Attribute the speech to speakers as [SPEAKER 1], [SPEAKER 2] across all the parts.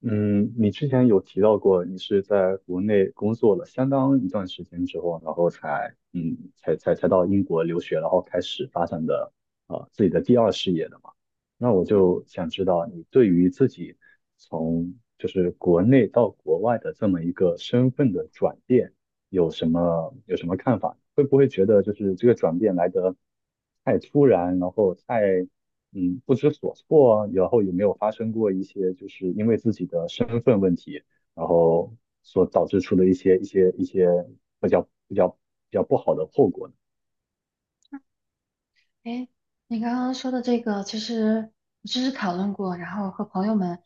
[SPEAKER 1] 嗯，你之前有提到过，你是在国内工作了相当一段时间之后，然后才才到英国留学，然后开始发展的自己的第二事业的嘛？那我
[SPEAKER 2] 嗯，
[SPEAKER 1] 就想知道，你对于自己从就是国内到国外的这么一个身份的转变，有什么看法？会不会觉得就是这个转变来得太突然，然后太不知所措啊，然后有没有发生过一些就是因为自己的身份问题，然后所导致出的一些比较不好的后果呢？
[SPEAKER 2] 哎，你刚刚说的这个，其实我讨论过，然后和朋友们，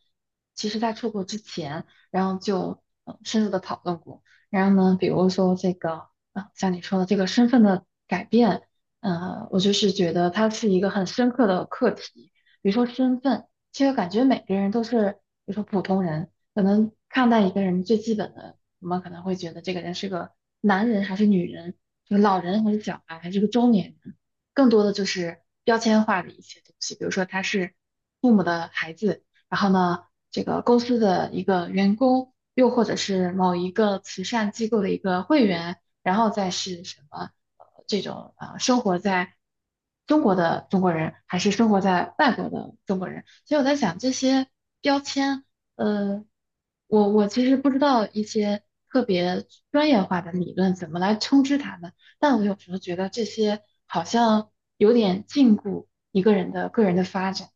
[SPEAKER 2] 其实在出国之前，然后就深入的讨论过。然后呢，比如说这个，啊，像你说的这个身份的改变，我就是觉得它是一个很深刻的课题。比如说身份，其实感觉每个人都是，比如说普通人，可能看待一个人最基本的，我们可能会觉得这个人是个男人还是女人，是个老人还是小孩，还是个中年人。更多的就是标签化的一些东西，比如说他是父母的孩子，然后呢，这个公司的一个员工，又或者是某一个慈善机构的一个会员，然后再是什么这种生活在中国的中国人，还是生活在外国的中国人，所以我在想这些标签，呃，我其实不知道一些特别专业化的理论怎么来称之它们。但我有时候觉得这些好像有点禁锢一个人的个人的发展。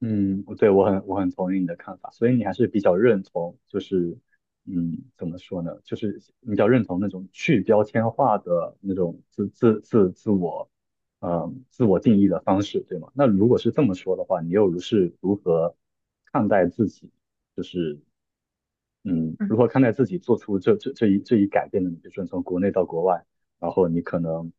[SPEAKER 1] 嗯，对，我很同意你的看法，所以你还是比较认同，就是嗯，怎么说呢？就是你比较认同那种去标签化的那种自我，嗯，自我定义的方式，对吗？那如果是这么说的话，你又是如何看待自己，就是嗯，
[SPEAKER 2] 嗯，嗯
[SPEAKER 1] 如何看待自己做出这一改变的你，比如说你从国内到国外，然后你可能，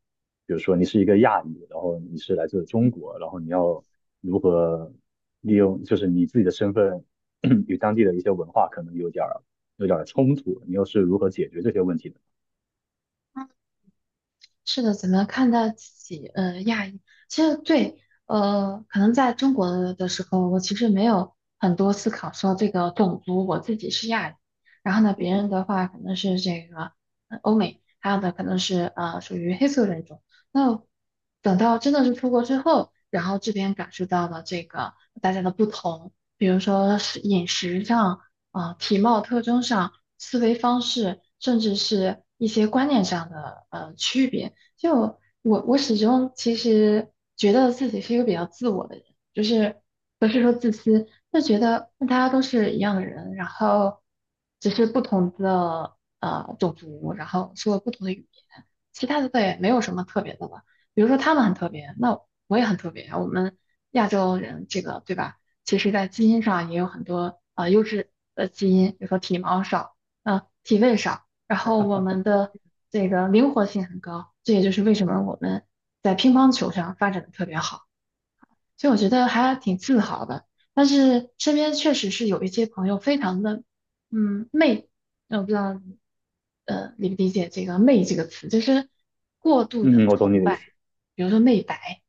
[SPEAKER 1] 比如说你是一个亚裔，然后你是来自中国，然后你要如何利用就是你自己的身份 与当地的一些文化可能有点儿有点儿冲突，你又是如何解决这些问题的？
[SPEAKER 2] 是的，怎么看待自己？亚裔，其实对，可能在中国的时候，我其实没有很多思考说这个种族，我自己是亚裔，然后呢，别人的话可能是这个欧美，还有的可能是属于黑色人种。那等到真的是出国之后，然后这边感受到了这个大家的不同，比如说是饮食上，啊、体貌特征上，思维方式，甚至是一些观念上的区别。就我始终其实觉得自己是一个比较自我的人，就是不是说自私，就觉得大家都是一样的人，然后只是不同的种族，然后说不同的语言，其他的倒也没有什么特别的吧。比如说他们很特别，那我也很特别啊，我们亚洲人这个对吧？其实在基因上也有很多优质的基因，比如说体毛少，体味少。然后我们的这个灵活性很高，这也就是为什么我们在乒乓球上发展的特别好。所以我觉得还挺自豪的。但是身边确实是有一些朋友非常的，嗯，媚，我不知道理不理解这个“媚”这个词，就是过度的
[SPEAKER 1] 嗯嗯，我懂你
[SPEAKER 2] 崇
[SPEAKER 1] 的意
[SPEAKER 2] 拜，
[SPEAKER 1] 思。
[SPEAKER 2] 比如说媚白，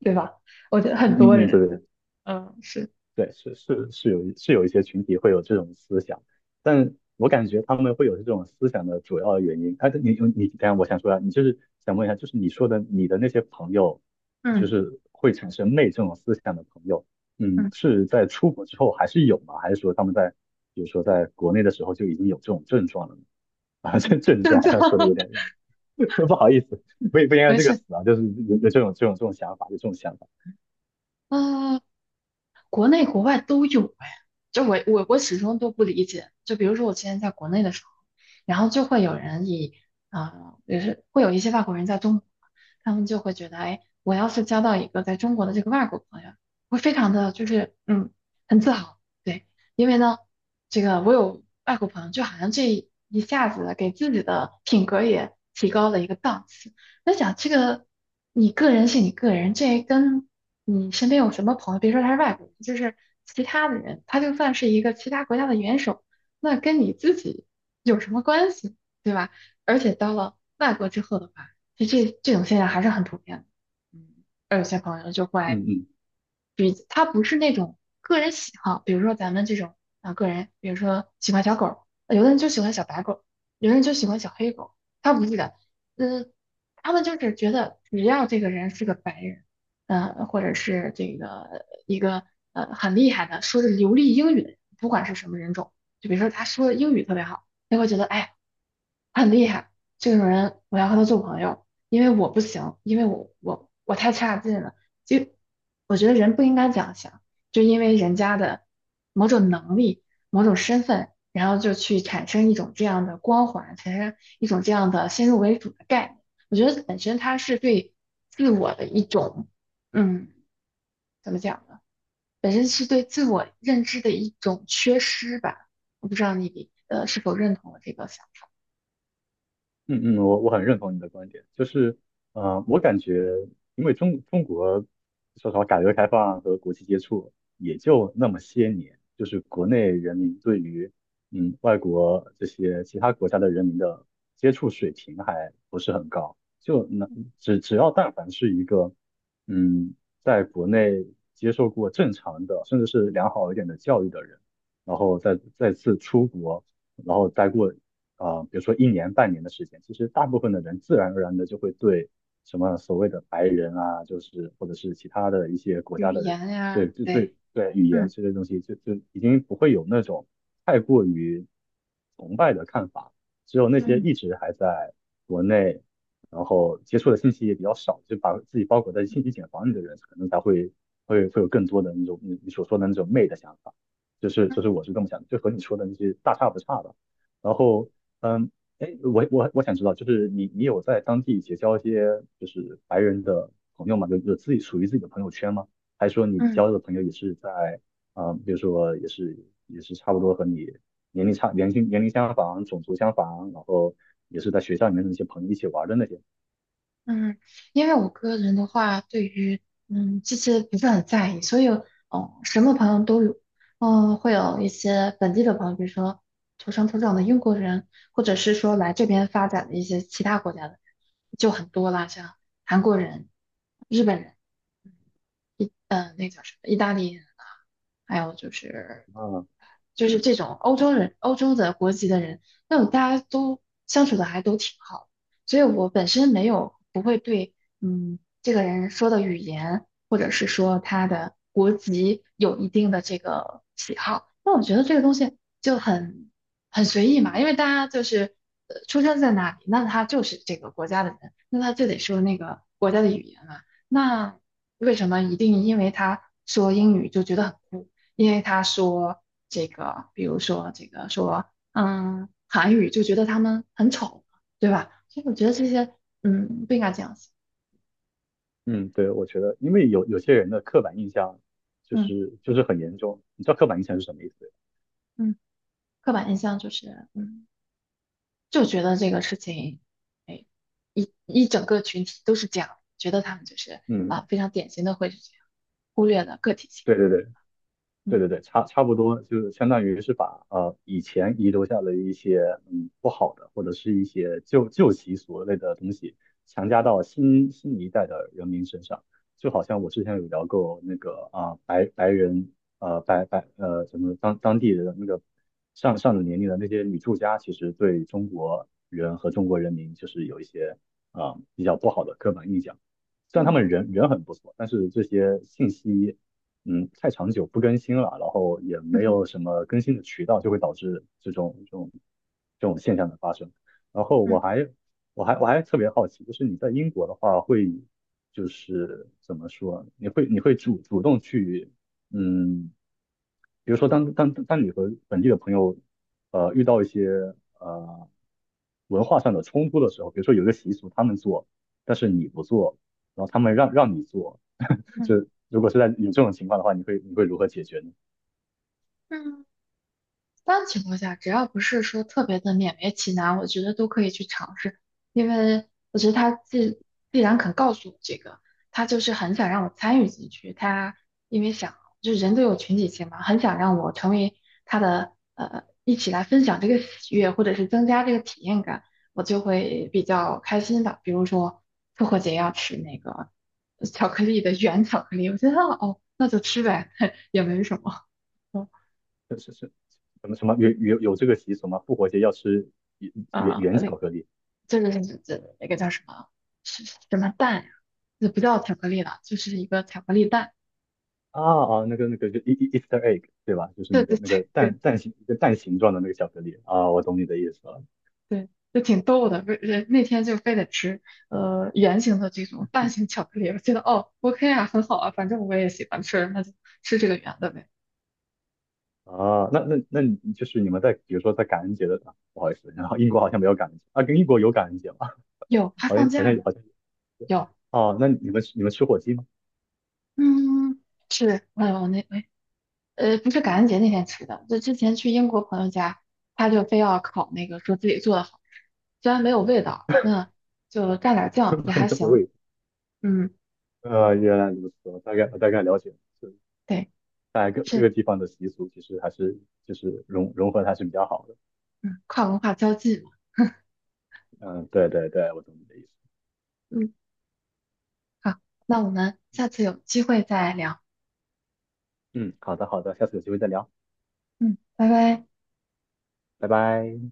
[SPEAKER 2] 对吧？我觉得很
[SPEAKER 1] 嗯
[SPEAKER 2] 多
[SPEAKER 1] 嗯嗯，对
[SPEAKER 2] 人，
[SPEAKER 1] 对对。
[SPEAKER 2] 嗯，是，
[SPEAKER 1] 对，是是是有是有一些群体会有这种思想，但我感觉他们会有这种思想的主要原因，啊，你等一下我想说啊，你就是想问一下，就是你说的你的那些朋友，就
[SPEAKER 2] 嗯
[SPEAKER 1] 是会产生媚这种思想的朋友，嗯，
[SPEAKER 2] 嗯
[SPEAKER 1] 是在出国之后还是有吗？还是说他们在比如说在国内的时候就已经有这种症状了呢？ 啊，
[SPEAKER 2] 嗯，
[SPEAKER 1] 这症
[SPEAKER 2] 是
[SPEAKER 1] 状好
[SPEAKER 2] 这样，
[SPEAKER 1] 像说的有点 不好意思，不应该 用
[SPEAKER 2] 没
[SPEAKER 1] 这个
[SPEAKER 2] 事，
[SPEAKER 1] 词啊，就是有这种想法，有这种想法，
[SPEAKER 2] 啊。国内国外都有哎，就我始终都不理解。就比如说我之前在国内的时候，然后就会有人以啊，也、是会有一些外国人在中国，他们就会觉得，哎，我要是交到一个在中国的这个外国朋友，会非常的就是嗯很自豪，对，因为呢，这个我有外国朋友，就好像这一下子给自己的品格也提高了一个档次。那想这个，你个人是你个人，这跟你身边有什么朋友，别说他是外国人，就是其他的人，他就算是一个其他国家的元首，那跟你自己有什么关系，对吧？而且到了外国之后的话，就这种现象还是很普遍的。嗯，而有些朋友就会
[SPEAKER 1] 嗯嗯。
[SPEAKER 2] 比他不是那种个人喜好，比如说咱们这种啊个人，比如说喜欢小狗有的人就喜欢小白狗有的人就喜欢小黑狗他不是的，嗯，他们就是觉得只要这个人是个白人，嗯，或者是这个一个很厉害的，说是流利英语的人，不管是什么人种，就比如说他说英语特别好，他会觉得哎，很厉害。这种人我要和他做朋友，因为我不行，因为我太差劲了。就我觉得人不应该这样想，就因为人家的某种能力、某种身份，然后就去产生一种这样的光环，产生一种这样的先入为主的概念。我觉得本身它是对自我的一种，嗯，怎么讲呢？本身是对自我认知的一种缺失吧。我不知道你是否认同我这个想法。
[SPEAKER 1] 嗯嗯，我很认同你的观点，就是，呃，我感觉，因为中国说实话，改革开放和国际接触也就那么些年，就是国内人民对于嗯外国这些其他国家的人民的接触水平还不是很高，就那只要但凡是一个嗯在国内接受过正常的甚至是良好一点的教育的人，然后再次出国。然后待过呃，比如说一年半年的时间，其实大部分的人自然而然的就会对什么所谓的白人啊，就是或者是其他的一些国
[SPEAKER 2] 语
[SPEAKER 1] 家的人，
[SPEAKER 2] 言
[SPEAKER 1] 对
[SPEAKER 2] 呀，
[SPEAKER 1] 对
[SPEAKER 2] 对。
[SPEAKER 1] 对对语言
[SPEAKER 2] 嗯
[SPEAKER 1] 这些东西，就已经不会有那种太过于崇拜的看法。只有那些
[SPEAKER 2] 嗯
[SPEAKER 1] 一直还在国内，然后接触的信息也比较少，就把自己包裹在信息茧房里的人，可能才会有更多的那种你所说的那种媚的想法。就是
[SPEAKER 2] 嗯
[SPEAKER 1] 我是这么想的，就和你说的那些大差不差的。然后嗯，哎，我想知道，就是你有在当地结交一些就是白人的朋友吗？有自己属于自己的朋友圈吗？还是说你
[SPEAKER 2] 嗯
[SPEAKER 1] 交的朋友也是在啊、呃比如说也是差不多和你年龄差年龄年龄相仿、种族相仿，然后也是在学校里面的那些朋友一起玩的那些
[SPEAKER 2] 嗯，因为我个人的话，对于嗯这些不是很在意，所以哦，什么朋友都有，嗯，会有一些本地的朋友，比如说土生土长的英国人，或者是说来这边发展的一些其他国家的人就很多啦，像韩国人、日本人、意那叫什么意大利人啊，还有就是
[SPEAKER 1] 啊，
[SPEAKER 2] 这种欧洲人、欧洲的国籍的人，那种大家都相处的还都挺好的所以我本身没有不会对，嗯，这个人说的语言或者是说他的国籍有一定的这个喜好。那我觉得这个东西就很很随意嘛，因为大家就是出生在哪里，那他就是这个国家的人，那他就得说那个国家的语言嘛。那为什么一定因为他说英语就觉得很酷？因为他说这个，比如说这个说，嗯，韩语就觉得他们很丑，对吧？所以我觉得这些，嗯，不应该这样想，
[SPEAKER 1] 嗯，对，我觉得因为有有些人的刻板印象就
[SPEAKER 2] 嗯
[SPEAKER 1] 是就是很严重，你知道刻板印象是什么意思？
[SPEAKER 2] 嗯，刻板印象就是，嗯，就觉得这个事情，哎，一整个群体都是这样，觉得他们就是
[SPEAKER 1] 嗯，
[SPEAKER 2] 啊，非常典型的会是这样，忽略了个体性，
[SPEAKER 1] 对对对。
[SPEAKER 2] 嗯
[SPEAKER 1] 对对对，差不多，就是相当于是把呃以前遗留下的一些嗯不好的或者是一些旧习俗类的东西强加到新一代的人民身上，就好像我之前有聊过那个啊、白白人呃白白呃什么当地的那个上了年龄的那些女作家，其实对中国人和中国人民就是有一些啊、比较不好的刻板印象。虽然他
[SPEAKER 2] 嗯
[SPEAKER 1] 们很不错，但是这些信息嗯太长久不更新了，然后也
[SPEAKER 2] 嗯
[SPEAKER 1] 没
[SPEAKER 2] 嗯
[SPEAKER 1] 有什么更新的渠道，就会导致这种现象的发生。然后
[SPEAKER 2] 嗯
[SPEAKER 1] 我还特别好奇，就是你在英国的话会就是怎么说，你会主动去嗯，比如说当你和本地的朋友呃遇到一些呃文化上的冲突的时候，比如说有一个习俗他们做，但是你不做。然后他们让你做，
[SPEAKER 2] 嗯。
[SPEAKER 1] 就如果是在有这种情况的话，你会如何解决呢？
[SPEAKER 2] 嗯一般情况下，只要不是说特别的勉为其难，我觉得都可以去尝试，因为我觉得他既既然肯告诉我这个，他就是很想让我参与进去，他因为想就人都有群体性嘛，很想让我成为他的一起来分享这个喜悦，或者是增加这个体验感，我就会比较开心的。比如说复活节要吃那个巧克力的原巧克力，我觉得哦那就吃呗，也没什么。
[SPEAKER 1] 是是是，什么什么有这个习俗吗？复活节要吃圆
[SPEAKER 2] 啊
[SPEAKER 1] 圆
[SPEAKER 2] 那
[SPEAKER 1] 巧克力
[SPEAKER 2] 这个是这那个叫什么？是是什么蛋呀？这不叫巧克力了，就是一个巧克力蛋。
[SPEAKER 1] 啊，啊那个那个就 Easter egg 对吧？就是
[SPEAKER 2] 对
[SPEAKER 1] 那
[SPEAKER 2] 对
[SPEAKER 1] 个那
[SPEAKER 2] 对
[SPEAKER 1] 个
[SPEAKER 2] 对
[SPEAKER 1] 蛋蛋形一个蛋形状的那个巧克力啊，我懂你的意思了。
[SPEAKER 2] 对，就挺逗的。不是那天就非得吃圆形的这种蛋形巧克力，我觉得哦 OK 啊，很好啊，反正我也喜欢吃，那就吃这个圆的呗。
[SPEAKER 1] 啊，那你就是你们在比如说在感恩节的啊，不好意思，然后英国好像没有感恩节啊，跟英国有感恩节吗？
[SPEAKER 2] 有 还
[SPEAKER 1] 好像
[SPEAKER 2] 放
[SPEAKER 1] 好
[SPEAKER 2] 假
[SPEAKER 1] 像
[SPEAKER 2] 呢？
[SPEAKER 1] 好像
[SPEAKER 2] 有，
[SPEAKER 1] 哦，那你们吃火鸡吗？
[SPEAKER 2] 嗯，是，我我那哎不是感恩节那天吃的，就之前去英国朋友家，他就非要烤那个，说自己做的好吃，虽然没有味道，那就蘸点儿 酱也
[SPEAKER 1] 没
[SPEAKER 2] 还
[SPEAKER 1] 有，我
[SPEAKER 2] 行。
[SPEAKER 1] 以为
[SPEAKER 2] 嗯，
[SPEAKER 1] 呃，原来如此，我大概了解了，是
[SPEAKER 2] 对，
[SPEAKER 1] 在各个
[SPEAKER 2] 是，
[SPEAKER 1] 地方的习俗其实还是就是融合还是比较好的。
[SPEAKER 2] 嗯，跨文化交际嘛。
[SPEAKER 1] 嗯，对对对，我懂你的意思。
[SPEAKER 2] 嗯，好，那我们下次有机会再聊。
[SPEAKER 1] 嗯，好的好的，下次有机会再聊，
[SPEAKER 2] 嗯，拜拜。
[SPEAKER 1] 拜拜。